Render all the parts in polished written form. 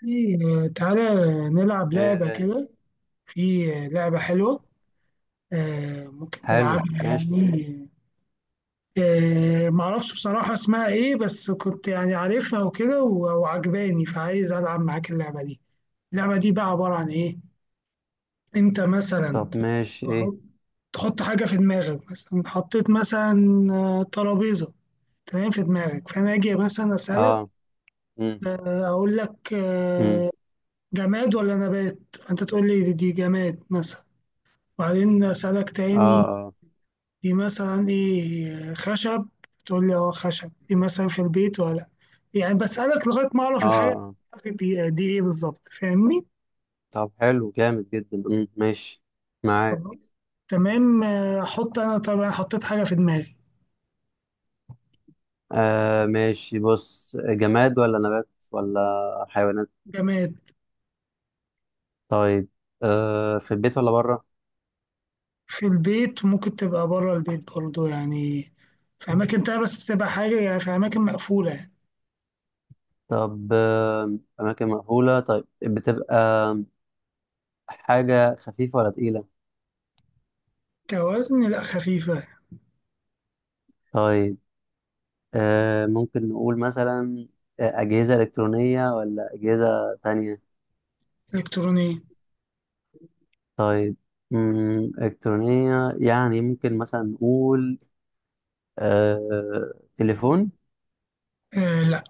في تعالى نلعب لعبة غالي. كده. في لعبة حلوة. ممكن حلو، نلعبها ماشي. يعني. معرفش بصراحة اسمها ايه، بس كنت يعني عارفها وكده وعجباني، فعايز ألعب معاك اللعبة دي. اللعبة دي بقى عبارة عن ايه؟ انت مثلا طب ماشي تحط ايه؟ تحط حاجة في دماغك، مثلا حطيت مثلا ترابيزة. تمام، في دماغك، فأنا أجي مثلا أسألك، اه، امم أقول لك امم جماد ولا نبات، فأنت تقول لي دي جماد مثلا. وبعدين أسألك اه تاني، اه دي مثلا إيه؟ خشب. تقول لي أه خشب، دي مثلا في البيت ولا، يعني بسألك لغاية ما أعرف اه الحاجة اه. دي إيه بالظبط، فاهمني؟ طب حلو، جامد جدا، ماشي، معاك. خلاص، تمام. أحط أنا طبعا، حطيت حاجة في دماغي. ماشي، بص، جماد ولا نبات ولا حيوانات؟ جماد. طيب، في البيت ولا بره؟ في البيت، وممكن تبقى بره البيت برضو يعني، في أماكن تانية، بس بتبقى حاجة يعني في أماكن مقفولة يعني. طب اماكن مقفولة، طيب، بتبقى حاجة خفيفة ولا تقيلة؟ كوزن لأ، خفيفة. طيب، ممكن نقول مثلا أجهزة إلكترونية ولا أجهزة تانية؟ إلكترونية. طيب. إلكترونية، يعني ممكن مثلا نقول تليفون، آه لأ.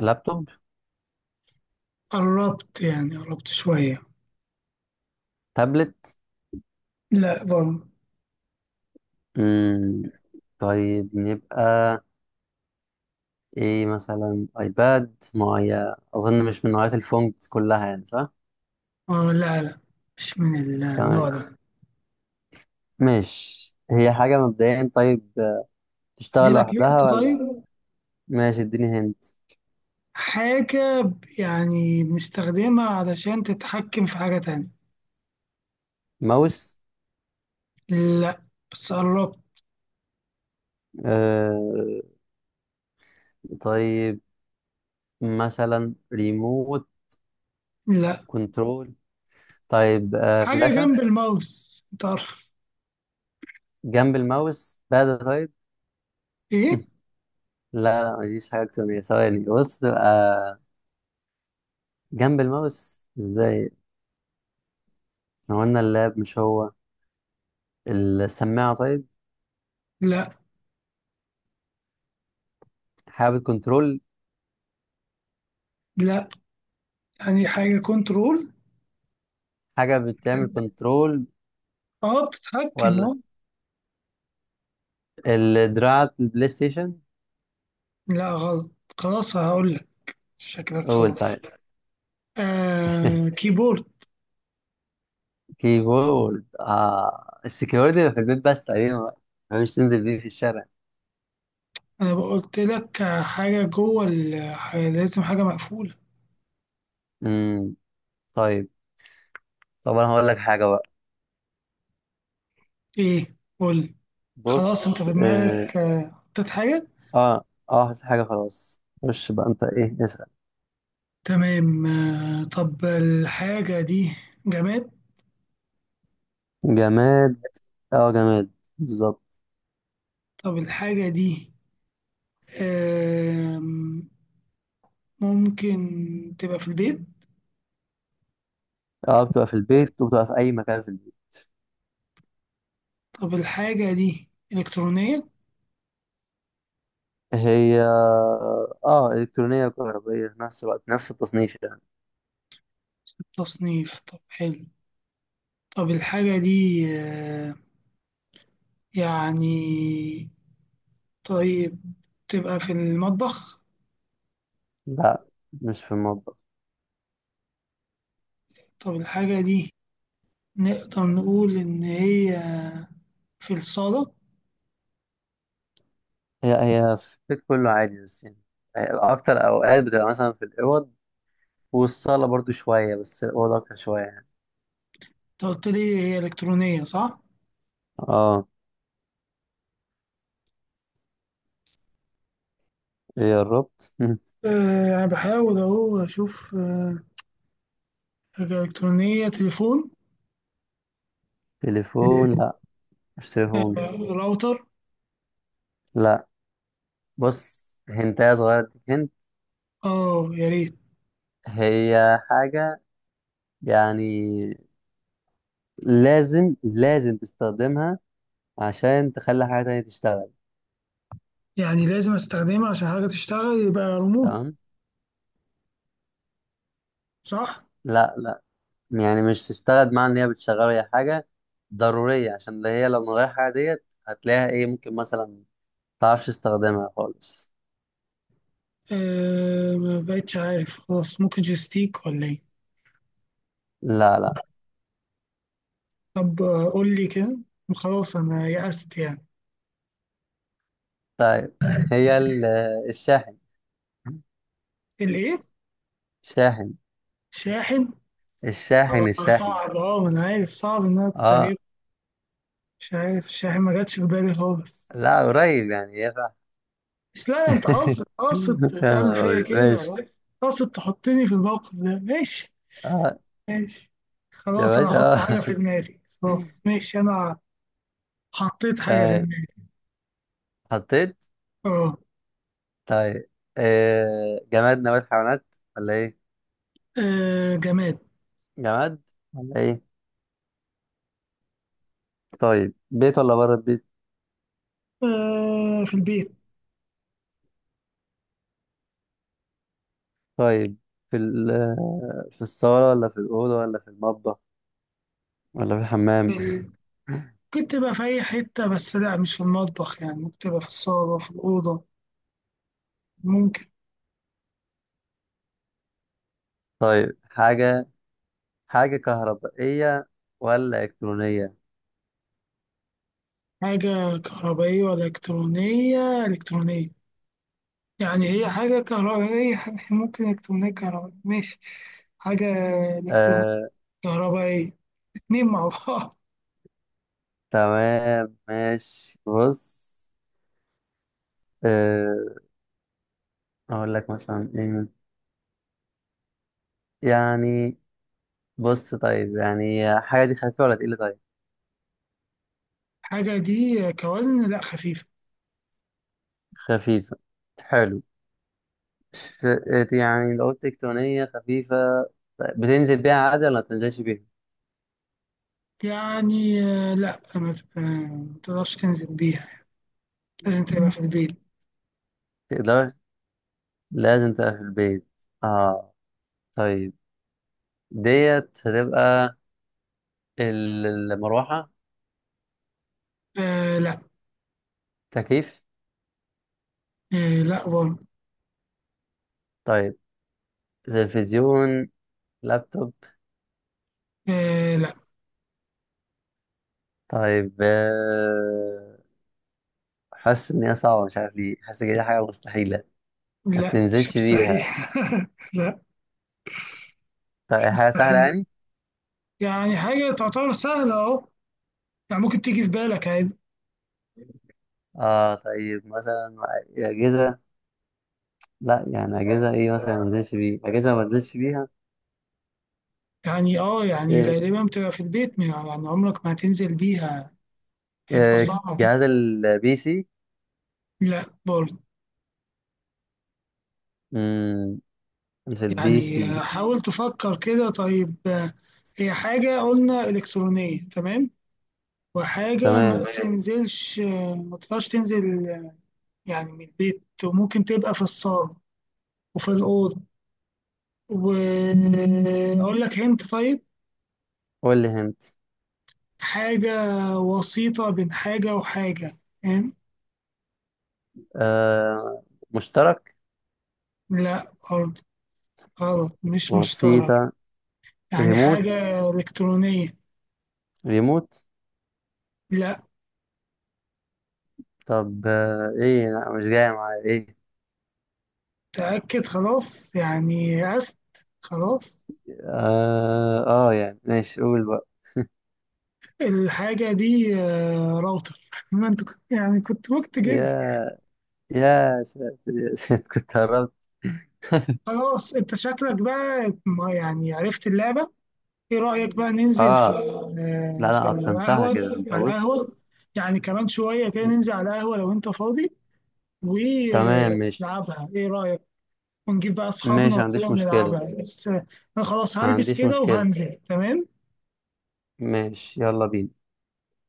لابتوب، قربت يعني، قربت شوية. تابلت. لأ برضه. مم، طيب، نبقى إيه؟ مثلا أيباد، ما هي أظن مش من نوعية الفونتس كلها، يعني صح؟ اه لا لا، مش من النوع تمام، ده. ماشي، هي حاجة مبدئيا. طيب، ادي تشتغل لك هنت لوحدها ولا؟ طيب. ماشي، اديني هنت. حاجة يعني بنستخدمها علشان تتحكم في حاجة تانية. ماوس؟ لا، بس قربت. آه، طيب، مثلا ريموت، لا. كنترول. طيب، حاجة فلاشة؟ جنب الماوس، انت عارف. جنب الماوس؟ بعد، طيب. ايه. لا لا، مفيش حاجة أكتر من كده. ثواني، بص، تبقى جنب الماوس إزاي؟ ما هو قلنا اللاب مش هو. السماعة؟ طيب. لا حاجة بتكنترول، لا. يعني حاجة كنترول. حاجة بتعمل كنترول، اه بتتحكم ولا اه. الدراع البلاي ستيشن؟ لا غلط. خلاص هقول لك. شكلك قول، خلاص. طيب. آه كيبورد. كيبورد؟ السكيورتي اللي في البيت، بس تقريبا بقى مش تنزل بيه في الشارع. انا قلت لك حاجة جوه لازم حاجة مقفولة. امم طيب. طب أنا هقول لك حاجة بقى، ايه قول. خلاص انت بص. في اه دماغك حطيت حاجة. اه، حاجة، خلاص. خش بقى أنت، إيه، اسأل. تمام. طب الحاجة دي جماد. جماد. اه، جماد بالظبط. طب الحاجة دي آم، ممكن تبقى في البيت. اه، بتبقى في البيت، وبتبقى في اي مكان في البيت. طب الحاجة دي إلكترونية. هي، اه، الكترونيه وكهربائيه في نفس الوقت، نفس التصنيف يعني. تصنيف، طب حلو. طب الحاجة دي يعني، طيب، تبقى في المطبخ. لا، مش في المطبخ. طب الحاجة دي نقدر نقول إن هي في الصالة. هي هي في البيت كله عادي، بس يعني اكتر اوقات بتبقى مثلا في الاوض والصاله برضو شويه، بس الاوض اكتر شويه يعني. انت قلت لي هي إلكترونية، صح؟ اه، ايه، قربت. آه، أنا بحاول أهو أشوف حاجة إلكترونية. تليفون. تليفون؟ لا، مش تليفون. راوتر. لا، بص، هنتايه صغيره اديك. هنت. أه يا ريت. هي حاجه يعني لازم لازم تستخدمها عشان تخلي حاجة تانية تشتغل. يعني لازم أستخدمها عشان حاجة تشتغل، يبقى ريموت، تمام. صح؟ لا لا، يعني مش تشتغل، مع ان هي بتشغل. هي حاجة ضرورية، عشان ده هي لو من غير حاجة ديت هتلاقيها ايه، ممكن مثلا متعرفش تستخدمها خالص. أه ما بقتش عارف، خلاص، ممكن جيستيك ولا إيه؟ لا لا. طب قول لي كده، خلاص أنا يأست يعني. طيب. هي الشاحن. الإيه؟ شاحن، شاحن؟ الشاحن، الشاحن. صعب، أه ما أنا عارف، صعب إن أنا كنت أجيب. اه، مش عارف، الشاحن ما جاتش في بالي خالص. لا، قريب يعني، يا. بس لا، انت قاصد يا قاصد تعمل نهار فيا أبيض، كده، ماشي. قاصد تحطني في الموقف ده، ماشي. اه، ماشي. يا خلاص انا باشا هحط حاجة آه. في دماغي، خلاص ماشي انا. حطيت حاجة في تمام، دماغي. حطيت. اه. طيب، جماد، نبات، حيوانات، ولا ايه؟ جماد. جماد. ولا ايه؟ طيب، بيت ولا بره البيت؟ آه، في البيت. طيب، في ال آه، في الصالة ولا في الأوضة ولا في المطبخ ولا في الحمام؟ ممكن تبقى في اي حتة، بس لا مش في المطبخ يعني، ممكن تبقى في الصالة، في الأوضة، ممكن. طيب، حاجة كهربائية ولا إلكترونية؟ حاجة كهربائية ولا إلكترونية؟ إلكترونية. يعني هي حاجة كهربائية ممكن إلكترونية كهربائية، ماشي. حاجة إلكترونية آه. كهربائية، اتنين مع بعض. تمام، ماشي، بص، آه أقول لك مثلا إيه يعني. بص، طيب، يعني حاجة دي خفيفة ولا تقيلة؟ طيب، حاجة دي كوزن لا، خفيفة. خفيفة، حلو. مش يعني لو قلت تكتونية خفيفة، طيب، بتنزل بيها عادي ولا ما بتنزلش بيها؟ يعني لا، ما ت- آه، ما تقدرش تنزل بيها، لازم تبقى في البيت. تقدر؟ لازم تبقى في البيت؟ اه، طيب. ديت هتبقى ال- المروحة؟ آه لا. تكييف؟ آه لا برضه. طيب، تلفزيون، لابتوب؟ آه لا. طيب، حاسس ان هي صعبة، مش عارف ليه حاسس ان دي حاجة مستحيلة. ما لا مش تنزلش مستحيل. بيها؟ لا طيب، مش حاجة سهلة مستحيل، يعني. يعني حاجة تعتبر سهلة اهو، يعني ممكن تيجي في بالك عادي. اه، طيب، مثلا أجهزة. لا، يعني أجهزة ايه مثلا ما انزلش بيها؟ أجهزة ما انزلش بيها. يعني اه، يعني إيه؟ غالبا بتبقى في البيت يعني، عمرك ما هتنزل بيها، هيبقى آه، صعب. جهاز PC. لا برضه. مم، مش البي يعني سي حاول تفكر كده، طيب هي حاجة قلنا إلكترونية، تمام، وحاجة ما تمام، تمام بتنزلش، ما تقدرش تنزل يعني من البيت، وممكن تبقى في الصالة وفي الأوضة. وأقول لك هنت، طيب. قول لي هنت. حاجة وسيطة بين حاجة وحاجة، فاهم؟ آه مشترك؟ لا برضه، غلط، مش مشترك. بسيطة. يعني ريموت، حاجة إلكترونية. ريموت. لا. طب ايه، لا، مش جاي معايا ايه. تأكد خلاص يعني، أست، خلاص. اه، يعني ماشي، قول بقى. الحاجة دي راوتر. ما انت كنت يعني كنت ممكن تجيبها. يا يا ساتر، يا ساتر، كنت قربت. خلاص انت شكلك بقى ما يعني عرفت اللعبة. ايه رأيك بقى ننزل في اه لا في لا، اتقنتها القهوة، كده، انت على بص. القهوة، يعني كمان شوية كده ننزل على القهوة لو انت فاضي تمام، ماشي، ونلعبها، ايه رأيك؟ ونجيب بقى اصحابنا ماشي، ما وكده عنديش مشكلة، ونلعبها، بس انا خلاص ما هلبس عنديش كده مشكلة. وهنزل. تمام. ماشي، يلا بينا.